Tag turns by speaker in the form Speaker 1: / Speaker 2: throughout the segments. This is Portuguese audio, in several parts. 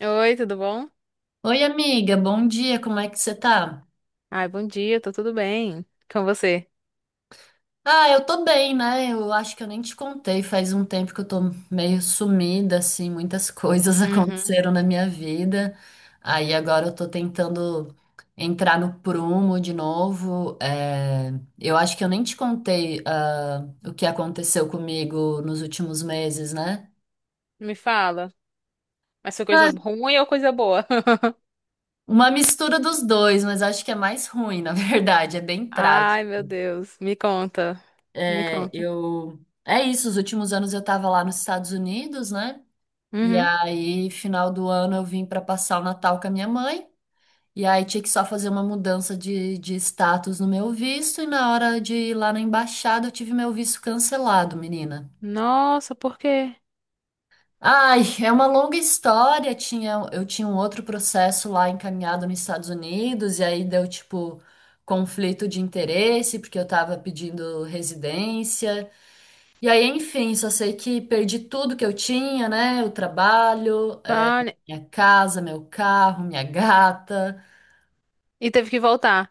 Speaker 1: Oi, tudo bom?
Speaker 2: Oi, amiga, bom dia, como é que você tá?
Speaker 1: Ai, bom dia, tô tudo bem. Com você?
Speaker 2: Ah, eu tô bem, né? Eu acho que eu nem te contei, faz um tempo que eu tô meio sumida, assim, muitas coisas
Speaker 1: Uhum.
Speaker 2: aconteceram na minha vida. Aí agora eu tô tentando entrar no prumo de novo. Eu acho que eu nem te contei, ah, o que aconteceu comigo nos últimos meses, né?
Speaker 1: Me fala. Mas foi coisa
Speaker 2: Ah,
Speaker 1: ruim ou coisa boa?
Speaker 2: uma mistura dos dois, mas acho que é mais ruim, na verdade, é bem trágico.
Speaker 1: Ai, meu Deus. Me conta. Me
Speaker 2: É,
Speaker 1: conta.
Speaker 2: eu. É isso, os últimos anos eu estava lá nos Estados Unidos, né? E
Speaker 1: Uhum.
Speaker 2: aí, final do ano, eu vim para passar o Natal com a minha mãe. E aí, tinha que só fazer uma mudança de status no meu visto. E na hora de ir lá na embaixada, eu tive meu visto cancelado, menina.
Speaker 1: Nossa, por quê?
Speaker 2: Ai, é uma longa história. Tinha, eu tinha um outro processo lá encaminhado nos Estados Unidos. E aí, deu tipo conflito de interesse, porque eu estava pedindo residência. E aí, enfim, só sei que perdi tudo que eu tinha, né? O trabalho,
Speaker 1: Vale.
Speaker 2: minha casa, meu carro, minha gata.
Speaker 1: E teve que voltar.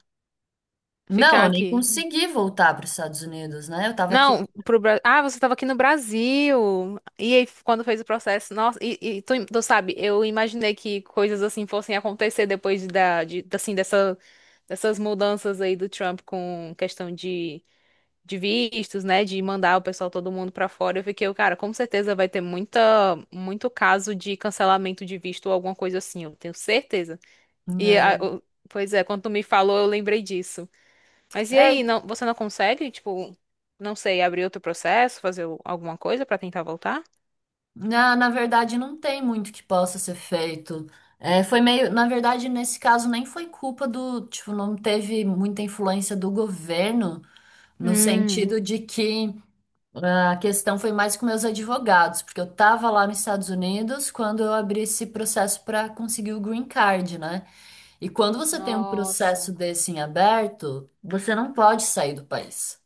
Speaker 2: Não,
Speaker 1: Ficar
Speaker 2: eu nem
Speaker 1: aqui.
Speaker 2: consegui voltar para os Estados Unidos, né? Eu tava aqui.
Speaker 1: Não, pro Brasil. Ah, você tava aqui no Brasil. E aí, quando fez o processo? Nossa, e tu sabe, eu imaginei que coisas assim fossem acontecer depois assim, dessas mudanças aí do Trump com questão de vistos, né, de mandar o pessoal todo mundo pra fora. Eu fiquei, cara, com certeza vai ter muita muito caso de cancelamento de visto ou alguma coisa assim, eu tenho certeza. E a-
Speaker 2: Né?
Speaker 1: o- Pois é, quando tu me falou, eu lembrei disso. Mas e
Speaker 2: É,
Speaker 1: aí, não, você não consegue, tipo, não sei, abrir outro processo, alguma coisa pra tentar voltar?
Speaker 2: na verdade, não tem muito que possa ser feito. É, foi meio. Na verdade, nesse caso, nem foi culpa do. Tipo, não teve muita influência do governo, no
Speaker 1: Hum,
Speaker 2: sentido de que. A questão foi mais com meus advogados, porque eu estava lá nos Estados Unidos quando eu abri esse processo para conseguir o green card, né? E quando você tem um processo
Speaker 1: nossa.
Speaker 2: desse em aberto, você não pode sair do país.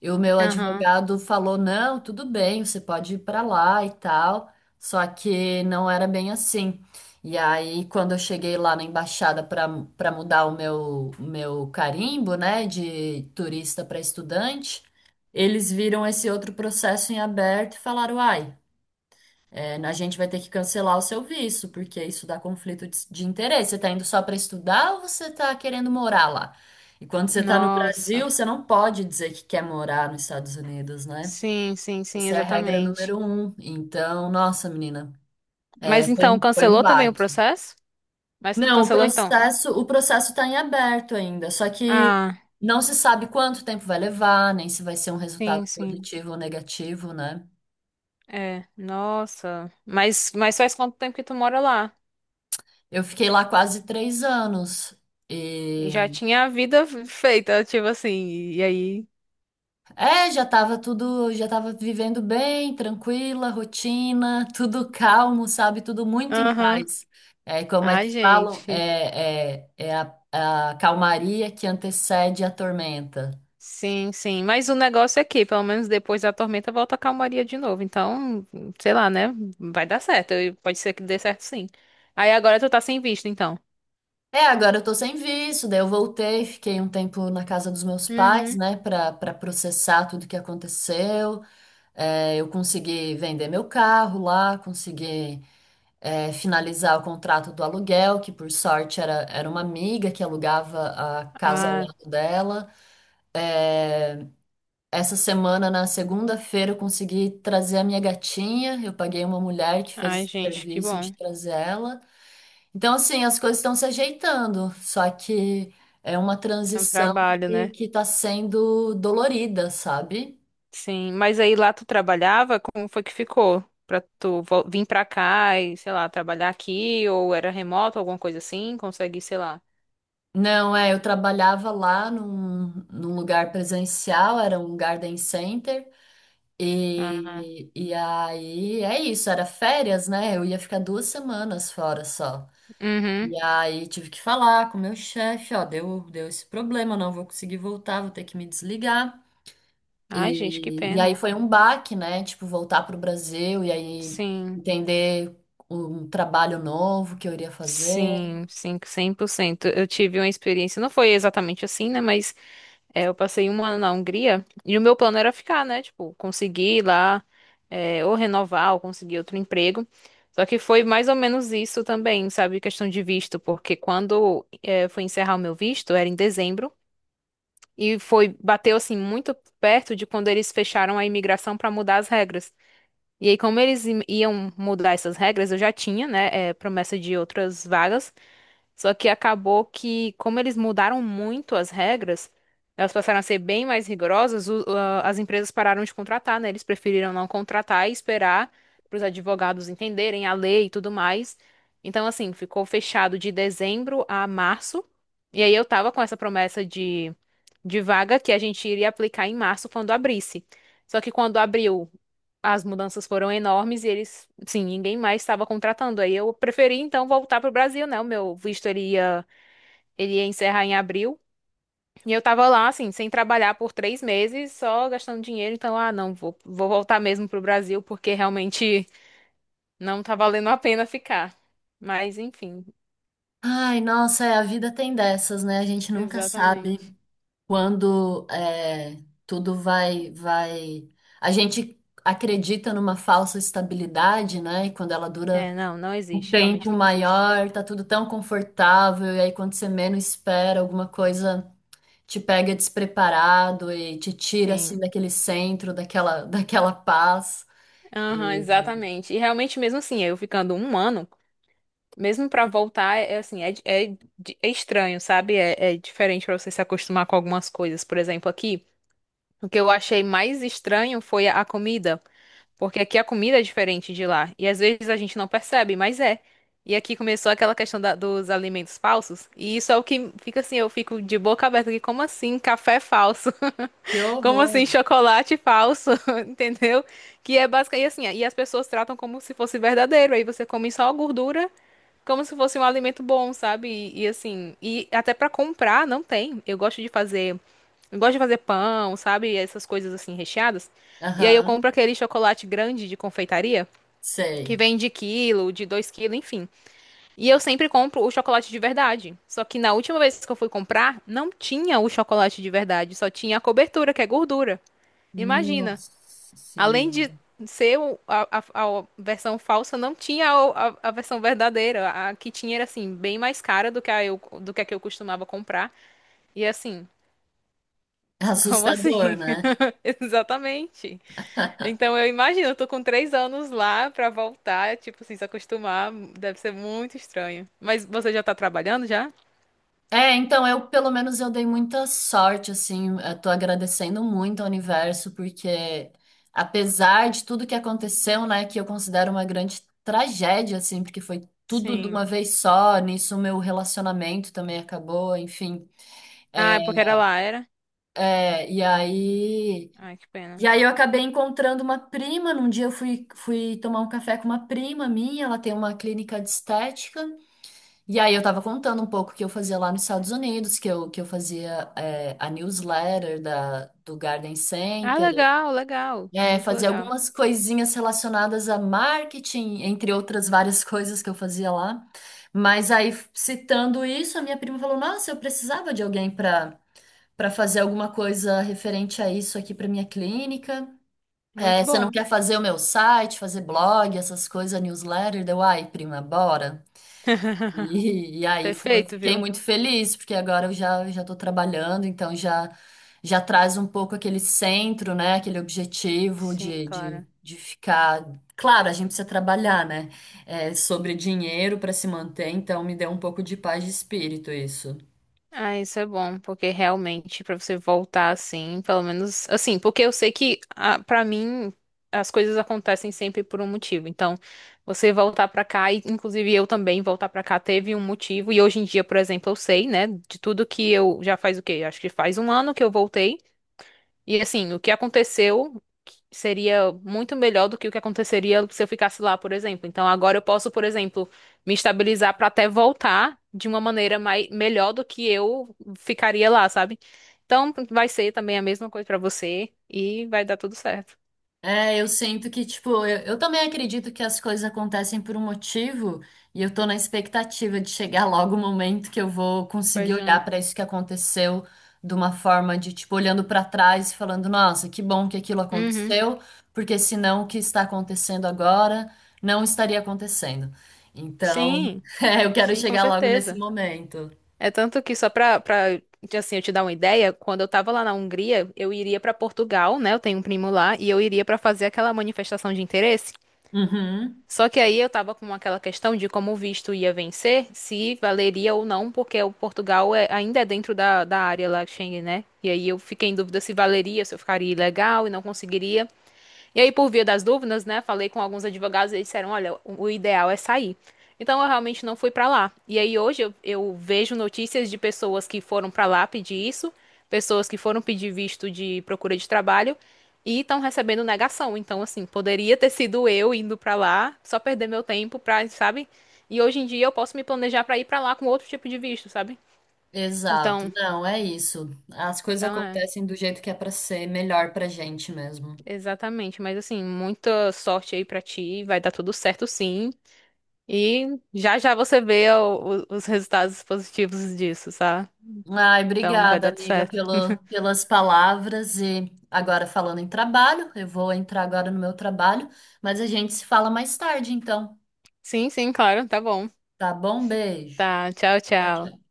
Speaker 2: E o meu
Speaker 1: Aham.
Speaker 2: advogado falou: não, tudo bem, você pode ir para lá e tal. Só que não era bem assim. E aí, quando eu cheguei lá na embaixada para mudar o meu carimbo, né, de turista para estudante, eles viram esse outro processo em aberto e falaram: ai. É, a gente vai ter que cancelar o seu visto, porque isso dá conflito de interesse. Você está indo só para estudar ou você está querendo morar lá? E quando você está no Brasil,
Speaker 1: Nossa.
Speaker 2: você não pode dizer que quer morar nos Estados Unidos, né?
Speaker 1: Sim, sim, sim,
Speaker 2: Essa é a regra
Speaker 1: exatamente.
Speaker 2: número um. Então, nossa, menina, é,
Speaker 1: Mas
Speaker 2: foi
Speaker 1: então
Speaker 2: um, foi um
Speaker 1: cancelou também o
Speaker 2: baque.
Speaker 1: processo? Mas
Speaker 2: Não, o
Speaker 1: cancelou então?
Speaker 2: processo, o processo está em aberto ainda, só que
Speaker 1: Ah,
Speaker 2: não se sabe quanto tempo vai levar, nem se vai ser um resultado
Speaker 1: sim, sim.
Speaker 2: positivo ou negativo, né?
Speaker 1: É, nossa. Mas faz quanto tempo que tu mora lá?
Speaker 2: Eu fiquei lá quase 3 anos.
Speaker 1: E já tinha a vida feita, tipo assim. E aí?
Speaker 2: É, já tava vivendo bem, tranquila, rotina, tudo calmo, sabe? Tudo muito em
Speaker 1: Aham.
Speaker 2: paz. É, como é
Speaker 1: Ai,
Speaker 2: que falam?
Speaker 1: gente.
Speaker 2: É a calmaria que antecede a tormenta.
Speaker 1: Sim, sim. Mas o negócio é que, pelo menos depois da tormenta, volta a calmaria de novo. Então, sei lá, né? Vai dar certo. E pode ser que dê certo, sim. Aí agora tu tá sem visto, então.
Speaker 2: É, agora eu tô sem visto, daí eu voltei, fiquei um tempo na casa dos meus pais,
Speaker 1: Uhum.
Speaker 2: né, pra, pra processar tudo que aconteceu. É, eu consegui vender meu carro lá, consegui. Finalizar o contrato do aluguel, que por sorte era uma amiga que alugava a casa ao
Speaker 1: Ah,
Speaker 2: lado dela. É, essa semana, na segunda-feira, eu consegui trazer a minha gatinha. Eu paguei uma mulher que fez
Speaker 1: ai,
Speaker 2: esse
Speaker 1: gente, que
Speaker 2: serviço de
Speaker 1: bom.
Speaker 2: trazer ela. Então, assim, as coisas estão se ajeitando, só que é uma
Speaker 1: É um
Speaker 2: transição
Speaker 1: trabalho,
Speaker 2: que,
Speaker 1: né?
Speaker 2: que está sendo dolorida, sabe?
Speaker 1: Sim, mas aí lá tu trabalhava, como foi que ficou? Pra tu vir pra cá e, sei lá, trabalhar aqui, ou era remoto, alguma coisa assim, consegue, sei lá.
Speaker 2: Não, eu trabalhava lá num lugar presencial, era um garden center.
Speaker 1: Ah,
Speaker 2: E aí, é isso, era férias, né? Eu ia ficar 2 semanas fora só.
Speaker 1: uhum.
Speaker 2: E aí tive que falar com o meu chefe, ó, deu esse problema, não vou conseguir voltar, vou ter que me desligar.
Speaker 1: Ai, gente, que
Speaker 2: E aí
Speaker 1: pena.
Speaker 2: foi um baque, né? Tipo, voltar pro Brasil e aí
Speaker 1: Sim,
Speaker 2: entender um trabalho novo que eu iria fazer.
Speaker 1: sim, sim, 100%. Eu tive uma experiência, não foi exatamente assim, né, mas é, eu passei um ano na Hungria e o meu plano era ficar, né? Tipo, conseguir ir lá, é, ou renovar, ou conseguir outro emprego. Só que foi mais ou menos isso também, sabe? Questão de visto, porque quando é, foi encerrar o meu visto, era em dezembro, e foi, bateu assim muito perto de quando eles fecharam a imigração para mudar as regras. E aí, como eles iam mudar essas regras, eu já tinha, né, é, promessa de outras vagas. Só que acabou que, como eles mudaram muito as regras, elas passaram a ser bem mais rigorosas, as empresas pararam de contratar, né? Eles preferiram não contratar e esperar para os advogados entenderem a lei e tudo mais. Então, assim, ficou fechado de dezembro a março. E aí eu tava com essa promessa de vaga que a gente iria aplicar em março quando abrisse. Só que quando abriu, as mudanças foram enormes e eles, sim, ninguém mais estava contratando. Aí eu preferi então voltar para o Brasil, né? O meu visto ele ia encerrar em abril. E eu tava lá, assim, sem trabalhar por 3 meses, só gastando dinheiro. Então, ah, não, vou voltar mesmo pro Brasil, porque realmente não tá valendo a pena ficar. Mas, enfim,
Speaker 2: Ai, nossa, a vida tem dessas, né? A gente nunca sabe
Speaker 1: exatamente.
Speaker 2: quando é, tudo vai, vai. A gente acredita numa falsa estabilidade, né? E quando ela
Speaker 1: É,
Speaker 2: dura
Speaker 1: não, não
Speaker 2: um
Speaker 1: existe, realmente
Speaker 2: tempo
Speaker 1: não existe.
Speaker 2: maior, tá tudo tão confortável, e aí quando você menos espera, alguma coisa te pega despreparado e te tira assim
Speaker 1: Sim.
Speaker 2: daquele centro, daquela, daquela paz.
Speaker 1: Aham, exatamente. E realmente, mesmo assim, eu ficando um ano, mesmo pra voltar, é assim, é estranho, sabe? É, é diferente pra você se acostumar com algumas coisas. Por exemplo, aqui, o que eu achei mais estranho foi a comida, porque aqui a comida é diferente de lá. E às vezes a gente não percebe, mas é. E aqui começou aquela questão dos alimentos falsos, e isso é o que fica assim, eu fico de boca aberta aqui, como assim, café falso?
Speaker 2: Que
Speaker 1: Como
Speaker 2: horror!
Speaker 1: assim, chocolate falso, entendeu? Que é basicamente assim, e as pessoas tratam como se fosse verdadeiro. Aí você come só a gordura, como se fosse um alimento bom, sabe? E assim, e até pra comprar não tem. Eu gosto de fazer pão, sabe? Essas coisas assim recheadas. E aí eu
Speaker 2: Aham,
Speaker 1: compro aquele chocolate grande de confeitaria que
Speaker 2: sei.
Speaker 1: vem de quilo, de 2 quilos, enfim. E eu sempre compro o chocolate de verdade. Só que na última vez que eu fui comprar, não tinha o chocolate de verdade, só tinha a cobertura, que é gordura. Imagina.
Speaker 2: Nossa
Speaker 1: Além de
Speaker 2: Senhora.
Speaker 1: ser a versão falsa, não tinha a versão verdadeira. A que tinha era assim, bem mais cara do que a que eu costumava comprar. E assim,
Speaker 2: É
Speaker 1: como
Speaker 2: assustador,
Speaker 1: assim?
Speaker 2: né?
Speaker 1: Exatamente. Então eu imagino, eu tô com 3 anos lá pra voltar, tipo, assim, se acostumar, deve ser muito estranho. Mas você já tá trabalhando já?
Speaker 2: É, então eu, pelo menos, eu dei muita sorte, assim, eu tô agradecendo muito ao universo, porque apesar de tudo que aconteceu, né, que eu considero uma grande tragédia, assim, porque foi tudo de
Speaker 1: Sim.
Speaker 2: uma vez só, nisso o meu relacionamento também acabou, enfim.
Speaker 1: Ah,
Speaker 2: É,
Speaker 1: é porque era lá, era?
Speaker 2: é, e aí,
Speaker 1: Ai, que pena.
Speaker 2: e aí eu acabei encontrando uma prima, num dia eu fui tomar um café com uma prima minha, ela tem uma clínica de estética, e aí eu tava contando um pouco o que eu fazia lá nos Estados Unidos, que eu fazia a newsletter da, do Garden
Speaker 1: Ah,
Speaker 2: Center,
Speaker 1: legal, legal.
Speaker 2: é,
Speaker 1: Muito
Speaker 2: fazia
Speaker 1: legal.
Speaker 2: algumas coisinhas relacionadas a marketing, entre outras várias coisas que eu fazia lá. Mas aí, citando isso, a minha prima falou: Nossa, eu precisava de alguém para fazer alguma coisa referente a isso aqui para minha clínica. É,
Speaker 1: Muito
Speaker 2: você não
Speaker 1: bom.
Speaker 2: quer fazer o meu site, fazer blog, essas coisas, newsletter? Deu, ai, prima, bora. E aí
Speaker 1: Perfeito,
Speaker 2: fiquei
Speaker 1: viu?
Speaker 2: muito feliz, porque agora eu já já estou trabalhando, então já já traz um pouco aquele centro, né? Aquele objetivo
Speaker 1: Sim,
Speaker 2: de, de,
Speaker 1: claro.
Speaker 2: de ficar. Claro, a gente precisa trabalhar, né? Sobre dinheiro para se manter, então me deu um pouco de paz de espírito isso.
Speaker 1: Ah, isso é bom, porque realmente pra você voltar assim, pelo menos assim, porque eu sei que pra mim as coisas acontecem sempre por um motivo. Então, você voltar pra cá e inclusive eu também voltar pra cá teve um motivo e hoje em dia, por exemplo, eu sei, né, de tudo que eu já faz o quê? Acho que faz um ano que eu voltei. E assim, o que aconteceu seria muito melhor do que o que aconteceria se eu ficasse lá, por exemplo. Então agora eu posso, por exemplo, me estabilizar para até voltar de uma maneira melhor do que eu ficaria lá, sabe? Então vai ser também a mesma coisa para você e vai dar tudo certo.
Speaker 2: É, eu sinto que, tipo, eu também acredito que as coisas acontecem por um motivo e eu tô na expectativa de chegar logo o momento que eu vou conseguir
Speaker 1: Pois
Speaker 2: olhar
Speaker 1: é.
Speaker 2: pra isso que aconteceu de uma forma de, tipo, olhando pra trás e falando, nossa, que bom que aquilo
Speaker 1: Uhum.
Speaker 2: aconteceu, porque senão o que está acontecendo agora não estaria acontecendo. Então,
Speaker 1: Sim,
Speaker 2: eu quero
Speaker 1: sim, com
Speaker 2: chegar logo nesse
Speaker 1: certeza.
Speaker 2: momento.
Speaker 1: É tanto que só pra assim, eu te dar uma ideia, quando eu tava lá na Hungria, eu iria pra Portugal, né? Eu tenho um primo lá, e eu iria pra fazer aquela manifestação de interesse.
Speaker 2: Uhum.
Speaker 1: Só que aí eu tava com aquela questão de como o visto ia vencer, se valeria ou não, porque o Portugal ainda é dentro da área lá Schengen, né? E aí eu fiquei em dúvida se valeria, se eu ficaria ilegal e não conseguiria. E aí, por via das dúvidas, né, falei com alguns advogados e eles disseram, olha, o ideal é sair. Então, eu realmente não fui pra lá. E aí, hoje, eu vejo notícias de pessoas que foram pra lá pedir isso, pessoas que foram pedir visto de procura de trabalho e estão recebendo negação. Então, assim, poderia ter sido eu indo pra lá, só perder meu tempo pra, sabe? E hoje em dia eu posso me planejar pra ir pra lá com outro tipo de visto, sabe?
Speaker 2: Exato.
Speaker 1: Então,
Speaker 2: Não, é isso. As coisas
Speaker 1: então é,
Speaker 2: acontecem do jeito que é pra ser melhor pra gente mesmo.
Speaker 1: exatamente. Mas assim, muita sorte aí pra ti, vai dar tudo certo sim. E já já você vê os resultados positivos disso, tá?
Speaker 2: Ai,
Speaker 1: Então vai
Speaker 2: obrigada,
Speaker 1: dar tudo
Speaker 2: amiga,
Speaker 1: certo.
Speaker 2: pelas palavras. E agora falando em trabalho, eu vou entrar agora no meu trabalho, mas a gente se fala mais tarde, então.
Speaker 1: Sim, sim, claro, tá bom.
Speaker 2: Tá bom? Beijo.
Speaker 1: Tá, tchau,
Speaker 2: Tchau,
Speaker 1: tchau.
Speaker 2: tchau.